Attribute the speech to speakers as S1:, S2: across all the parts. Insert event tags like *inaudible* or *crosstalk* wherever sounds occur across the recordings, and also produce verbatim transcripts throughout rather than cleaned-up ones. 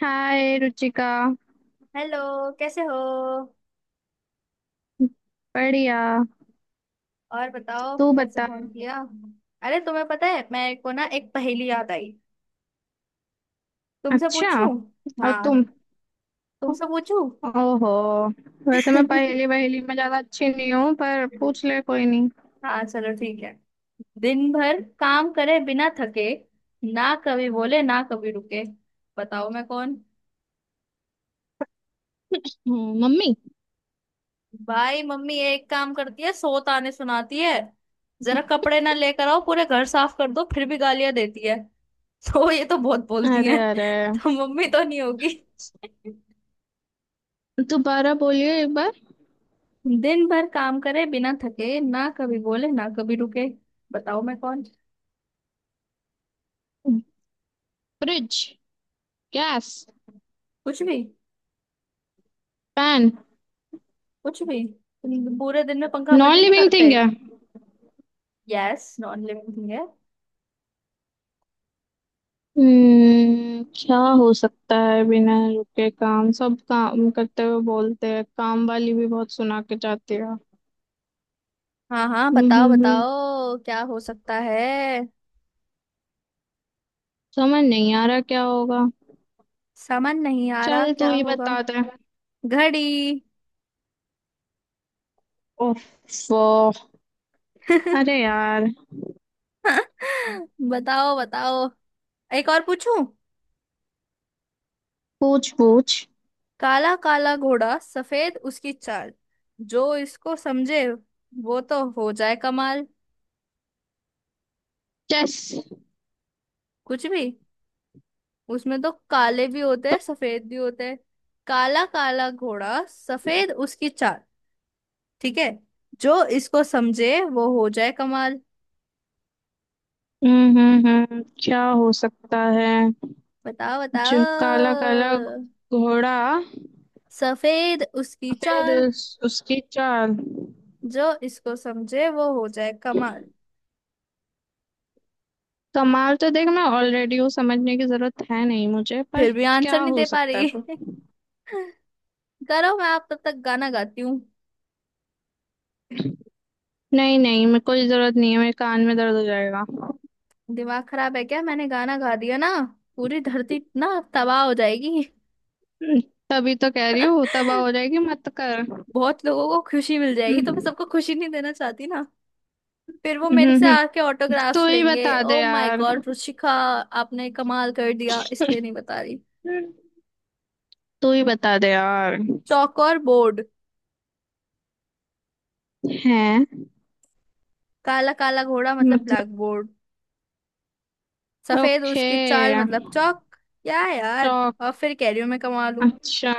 S1: हाय Ruchika.
S2: Hello. कैसे हो?
S1: बढ़िया।
S2: और बताओ
S1: तू
S2: कैसे
S1: बता।
S2: फोन किया? अरे तुम्हें पता है मेरे को ना, एक पहेली याद आई, तुमसे
S1: अच्छा।
S2: पूछूं?
S1: और तुम?
S2: हाँ, तुमसे पूछूं।
S1: ओहो। वैसे मैं पहेली
S2: *laughs*
S1: वहेली में ज्यादा अच्छी नहीं हूँ, पर पूछ ले, कोई नहीं।
S2: हाँ चलो ठीक है। दिन भर काम करे बिना थके, ना कभी बोले ना कभी रुके, बताओ मैं कौन?
S1: हम्म, मम्मी।
S2: भाई मम्मी एक काम करती है, सौ ताने सुनाती है। जरा कपड़े ना लेकर आओ, पूरे घर साफ कर दो, फिर भी गालियां देती है। *laughs* तो ये तो बहुत बोलती
S1: अरे
S2: है। *laughs*
S1: अरे,
S2: तो मम्मी तो नहीं होगी।
S1: दोबारा बोलिए एक बार।
S2: दिन भर काम करे बिना थके, ना कभी बोले ना कभी रुके, बताओ मैं कौन?
S1: फ्रिज। गैस।
S2: कुछ भी।
S1: पैन।
S2: कुछ भी। तुम पूरे दिन में पंखा बंद
S1: नॉन
S2: ही नहीं
S1: लिविंग
S2: करते।
S1: थिंग है।
S2: यस, नॉन लिविंग थिंग है।
S1: हम्म क्या हो सकता है बिना रुके काम, सब काम करते हुए बोलते हैं, काम वाली भी बहुत सुना के जाती
S2: हाँ हाँ, बताओ
S1: है।
S2: बताओ क्या हो सकता है।
S1: समझ नहीं आ रहा क्या होगा।
S2: समझ नहीं आ रहा
S1: चल तू
S2: क्या
S1: ही
S2: होगा।
S1: बता दे।
S2: घड़ी।
S1: ओफ। अरे यार।
S2: *laughs* बताओ बताओ। एक और पूछूं?
S1: पूछ पूछ।
S2: काला काला घोड़ा सफेद उसकी चाल, जो इसको समझे वो तो हो जाए कमाल।
S1: चेस।
S2: कुछ भी। उसमें तो काले भी होते हैं सफेद भी होते हैं। काला काला घोड़ा सफेद उसकी चाल, ठीक है, जो इसको समझे वो हो जाए कमाल।
S1: हम्म हम्म हम्म क्या हो सकता है?
S2: बताओ बताओ।
S1: जो काला काला घोड़ा,
S2: सफेद उसकी
S1: फिर
S2: चाल,
S1: उस, उसकी चाल।
S2: जो इसको समझे वो हो जाए कमाल।
S1: कमाल तो देख मैं ऑलरेडी हूँ, समझने की जरूरत है नहीं मुझे, पर
S2: फिर भी
S1: क्या
S2: आंसर नहीं
S1: हो
S2: दे पा
S1: सकता है?
S2: रही। *laughs* करो, मैं आप तब तक गाना गाती हूँ।
S1: नहीं नहीं, मेरे कोई जरूरत नहीं है, मेरे कान में दर्द हो जाएगा।
S2: दिमाग खराब है क्या, मैंने गाना गा दिया ना, पूरी धरती ना तबाह हो जाएगी।
S1: हम्म, तभी तो कह रही हूँ तबाह हो
S2: *laughs*
S1: जाएगी, मत कर।
S2: बहुत लोगों को खुशी मिल जाएगी, तो मैं
S1: हम्म,
S2: सबको खुशी नहीं देना चाहती ना। फिर वो
S1: हम्म,
S2: मेरे से
S1: हम्म।
S2: आके
S1: तू
S2: ऑटोग्राफ्स
S1: ही
S2: लेंगे,
S1: बता दे
S2: ओ माय
S1: यार।
S2: गॉड रुचिका। आपने कमाल कर दिया इसलिए नहीं बता रही।
S1: तू ही बता दे यार।
S2: चौक और बोर्ड।
S1: है?
S2: काला काला घोड़ा मतलब
S1: मतलब।
S2: ब्लैक बोर्ड, सफेद
S1: ओके।
S2: उसकी चाल मतलब चौक। क्या है यार,
S1: चौक।
S2: और फिर कैरियर में कमा लूं।
S1: अच्छा।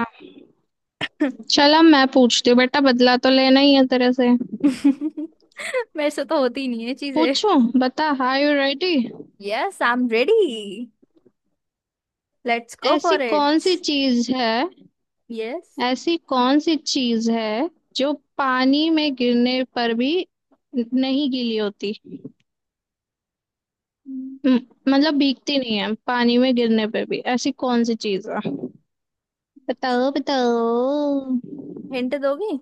S1: चलो मैं पूछती हूँ, बेटा बदला तो लेना ही है तेरे से।
S2: *laughs* मेरे से तो होती ही नहीं है चीजें।
S1: पूछूं? बता, hi you ready?
S2: Yes, I am ready. Let's go
S1: ऐसी
S2: फॉर
S1: कौन
S2: इट।
S1: सी चीज है,
S2: यस।
S1: ऐसी कौन सी चीज है जो पानी में गिरने पर भी नहीं गीली होती? म- मतलब भीगती नहीं है, पानी में गिरने पर भी ऐसी कौन सी चीज है? बताओ बताओ।
S2: हिंट दोगी?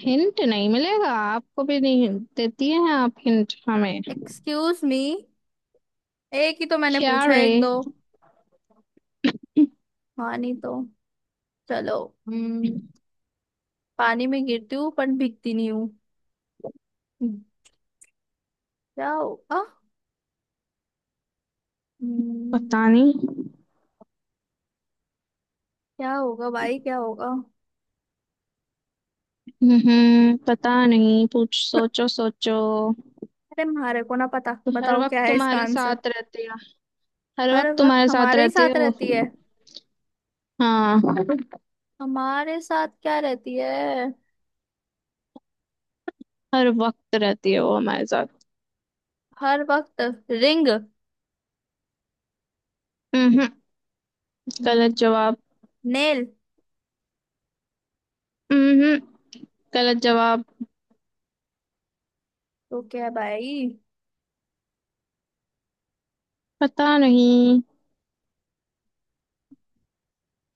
S1: हिंट नहीं मिलेगा आपको भी नहीं। देती हैं आप हिंट हमें?
S2: एक्सक्यूज मी, एक ही तो मैंने
S1: क्या
S2: पूछा है,
S1: रे।
S2: एक दो। हाँ नहीं तो। चलो। Hmm। पानी में गिरती हूँ पर भीगती नहीं हूँ, क्या होगा? हम्म,
S1: पता नहीं।
S2: क्या होगा भाई क्या होगा? *laughs*
S1: हम्म पता नहीं, पूछ, सोचो सोचो।
S2: अरे हमारे को ना पता,
S1: तो हर
S2: बताओ क्या
S1: वक्त
S2: है इसका
S1: तुम्हारे
S2: आंसर।
S1: साथ रहती है। हर
S2: हर
S1: वक्त
S2: वक्त
S1: तुम्हारे साथ
S2: हमारे ही
S1: रहती है
S2: साथ
S1: वो।
S2: रहती है?
S1: हाँ।
S2: हमारे साथ क्या रहती है?
S1: हर वक्त रहती है वो हमारे साथ।
S2: हर वक्त? रिंग।
S1: हम्म गलत जवाब।
S2: नेल।
S1: हम्म गलत जवाब।
S2: तो क्या है भाई,
S1: पता नहीं,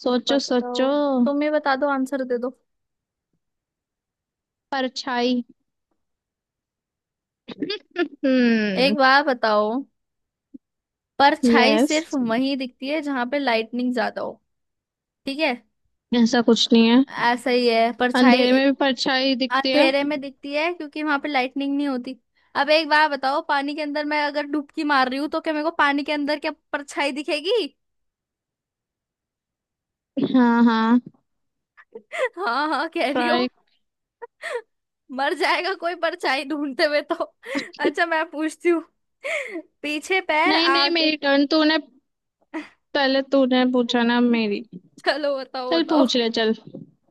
S1: सोचो
S2: बताओ,
S1: सोचो।
S2: तुम ही बता दो, आंसर दे दो।
S1: परछाई।
S2: एक
S1: हम्म
S2: बार बताओ। परछाई
S1: यस।
S2: सिर्फ वहीं दिखती है जहां पे लाइटनिंग ज्यादा हो। ठीक है।
S1: ऐसा कुछ नहीं है।
S2: ऐसा ही है परछाई।
S1: अंधेरे में भी परछाई दिखती है।
S2: अंधेरे में दिखती है क्योंकि वहां पे लाइटनिंग नहीं होती। अब एक बार बताओ, पानी के अंदर मैं अगर डुबकी मार रही हूँ, तो क्या मेरे को पानी के अंदर क्या परछाई दिखेगी?
S1: हाँ हाँ।
S2: *laughs* हाँ हाँ कह रही हो।
S1: ट्राई।
S2: *laughs* मर जाएगा कोई परछाई ढूंढते हुए तो। *laughs* अच्छा मैं पूछती हूँ। *laughs* पीछे पैर
S1: नहीं नहीं,
S2: आगे।
S1: मेरी टर्न, तूने पहले तूने पूछा ना,
S2: *laughs*
S1: मेरी।
S2: चलो बताओ
S1: चल
S2: बताओ।
S1: पूछ ले, चल।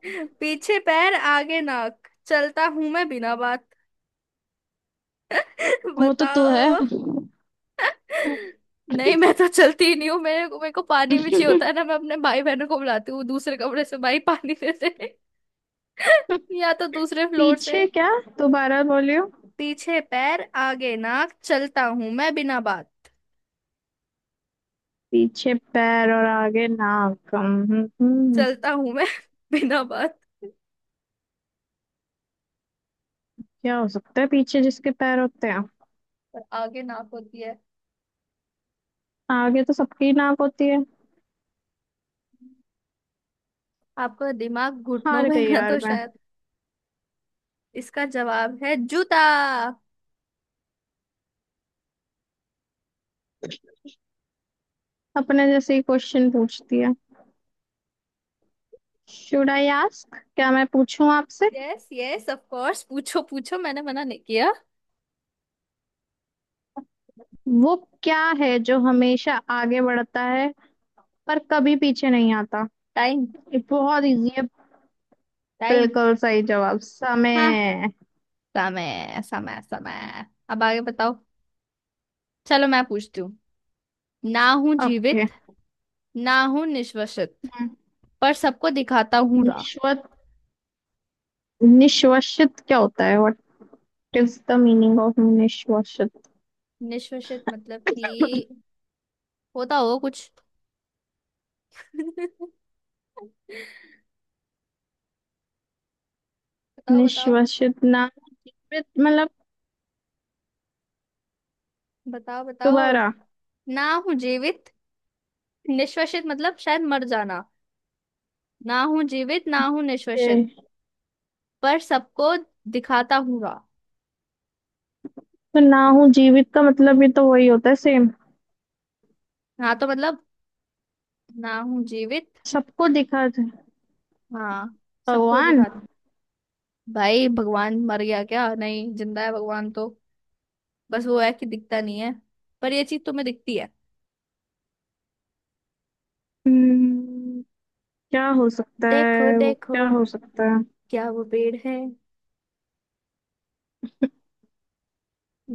S2: *laughs* पीछे पैर आगे नाक, चलता हूं मैं बिना बात। *laughs*
S1: वो तो तू है।
S2: बताओ। नहीं, मैं तो चलती ही नहीं हूँ, मेरे को मेरे को पानी भी चाहिए होता है ना, मैं अपने भाई बहनों को बुलाती हूँ दूसरे कमरे से, भाई पानी दे दे। *laughs* या तो दूसरे फ्लोर से।
S1: पीछे क्या? दोबारा बोलियो।
S2: पीछे पैर आगे नाक, चलता हूँ मैं बिना बात।
S1: पीछे पैर और आगे नाक। हम्म, हम्म, हम्म।
S2: चलता हूँ मैं *laughs* बिना बात।
S1: क्या हो सकता है, पीछे जिसके पैर होते हैं?
S2: पर आगे नाक होती है।
S1: आगे तो सबकी नाक होती है।
S2: आपका दिमाग घुटनों
S1: हार
S2: में
S1: गई
S2: है ना
S1: यार
S2: तो
S1: मैं।
S2: शायद। इसका जवाब है जूता।
S1: अपने जैसे ही क्वेश्चन पूछती है। शुड आई आस्क, क्या मैं पूछूं आपसे?
S2: यस यस, ऑफ कोर्स, पूछो पूछो, मैंने मना नहीं किया।
S1: वो क्या है जो हमेशा आगे बढ़ता है, पर कभी पीछे नहीं आता?
S2: टाइम।
S1: ये बहुत इजी है।
S2: टाइम।
S1: बिल्कुल सही जवाब,
S2: हाँ,
S1: समय।
S2: समय समय समय। अब आगे बताओ। चलो मैं पूछती हूँ। ना हूँ
S1: ओके।
S2: जीवित, ना हूँ निश्वसित, पर सबको दिखाता हूँ राह।
S1: निश्वत, निश्वसित क्या होता है? What is the meaning of निश्वसित?
S2: निश्वसित मतलब कि होता हो कुछ। *laughs* बताओ बताओ।
S1: निश्वसित ना, जीवित मतलब,
S2: बताओ बताओ।
S1: दोबारा।
S2: ना हूँ जीवित। निश्वसित मतलब शायद मर जाना। ना हूँ जीवित, ना हूँ निश्वसित,
S1: okay।
S2: पर सबको दिखाता हूँ राह।
S1: तो ना हूँ जीवित का मतलब भी तो वही होता है, सेम।
S2: हाँ तो मतलब ना हूँ जीवित।
S1: सबको दिखा था।
S2: हाँ। सबको
S1: भगवान।
S2: दिखा। भाई भगवान मर गया क्या? नहीं, जिंदा है भगवान तो, बस वो है कि दिखता नहीं है। पर ये चीज तुम्हें दिखती है।
S1: हम्म, क्या हो सकता
S2: देखो
S1: है वो,
S2: देखो,
S1: क्या हो सकता है?
S2: क्या वो पेड़ है?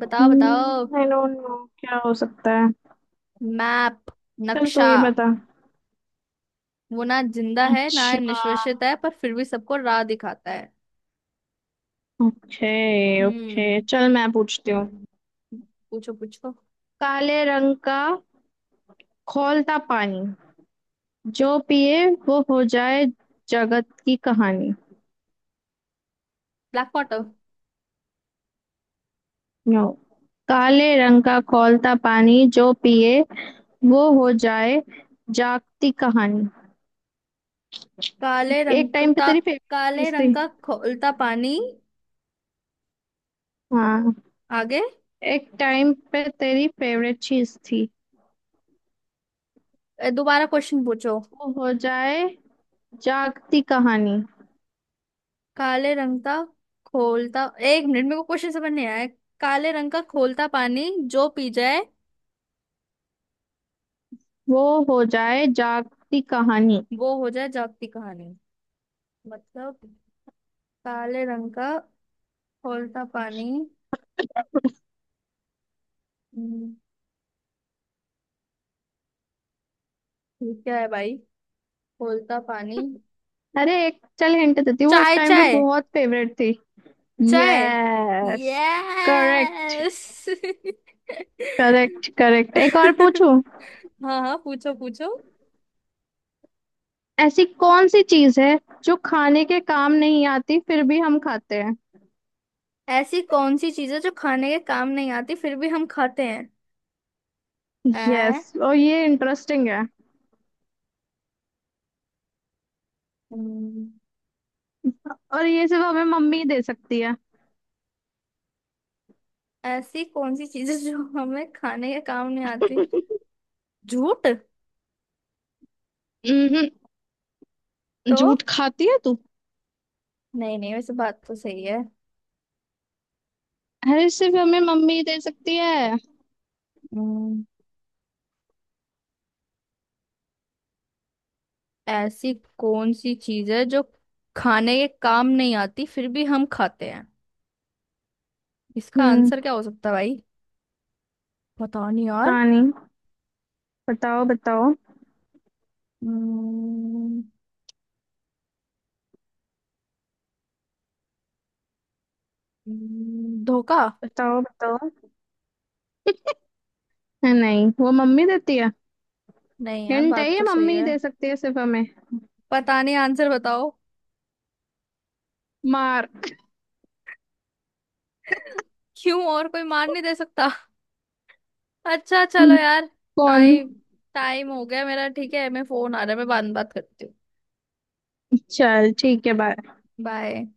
S2: बताओ बताओ।
S1: आई डोंट नो क्या हो सकता है।
S2: मैप।
S1: चल तू
S2: नक्शा।
S1: ये बता।
S2: वो ना जिंदा है ना
S1: अच्छा।
S2: निश्वसित है, पर फिर भी सबको राह दिखाता है।
S1: ओके। ओके,
S2: हम्म।
S1: चल मैं पूछती हूँ।
S2: पूछो पूछो।
S1: काले रंग का खौलता पानी, जो पिए वो हो जाए जगत की कहानी।
S2: Black water.
S1: नो। काले रंग का खौलता पानी, जो पिए वो हो जाए जागती कहानी।
S2: काले
S1: एक
S2: रंग
S1: टाइम पे
S2: का।
S1: तेरी फेवरेट
S2: काले
S1: चीज
S2: रंग
S1: थी।
S2: का खोलता पानी।
S1: हाँ।
S2: आगे?
S1: एक टाइम पे तेरी फेवरेट चीज थी।
S2: ए, दोबारा क्वेश्चन पूछो।
S1: वो हो जाए जागती कहानी।
S2: काले रंग का खोलता। एक मिनट, मेरे को क्वेश्चन समझ नहीं आया। काले रंग का खोलता पानी, जो पी जाए
S1: वो हो जाए जागती कहानी।
S2: वो हो जाए जागती कहानी। मतलब काले रंग का खौलता पानी, हम्म, ये क्या है भाई, खौलता पानी।
S1: अरे एक चल हिंट देती हूँ, वो एक
S2: चाय
S1: टाइम पे
S2: चाय।
S1: बहुत फेवरेट थी।
S2: चाय।
S1: Yes. Correct.
S2: Yes. *laughs*
S1: Correct correct, एक और पूछूं?
S2: हाँ हाँ, पूछो पूछो।
S1: ऐसी कौन सी चीज है जो खाने के काम नहीं आती, फिर भी हम खाते हैं?
S2: ऐसी कौन सी चीजें जो खाने के काम नहीं आती फिर भी हम खाते हैं।
S1: यस,
S2: ऐ।
S1: और ये इंटरेस्टिंग है।
S2: हम्म,
S1: और ये सिर्फ हमें मम्मी ही दे सकती है।
S2: ऐसी कौन सी चीजें जो हमें खाने के काम नहीं आती। झूठ।
S1: हम्म
S2: तो?
S1: झूठ खाती है तू?
S2: नहीं नहीं, वैसे बात तो सही है।
S1: अरे सिर्फ हमें मम्मी ही दे सकती है।
S2: हम्म, ऐसी कौन सी चीज है जो खाने के काम नहीं आती फिर भी हम खाते हैं, इसका
S1: हम्म
S2: आंसर क्या हो सकता है भाई? पता नहीं यार।
S1: कहानी? बताओ बताओ।
S2: हम्म, हम्म, धोखा।
S1: बताओ बताओ, नहीं वो मम्मी देती है।
S2: नहीं यार,
S1: हिंट है
S2: बात
S1: ये,
S2: तो सही
S1: मम्मी ही
S2: है।
S1: दे सकती है सिर्फ हमें।
S2: पता नहीं, आंसर बताओ।
S1: मार।
S2: *laughs* क्यों और कोई मान नहीं दे सकता? अच्छा चलो यार।
S1: कौन?
S2: टाइम। टाइम हो गया मेरा, ठीक है, मैं फोन आ रहा है, मैं बाद में बात करती हूँ।
S1: चल ठीक है, बाय।
S2: बाय।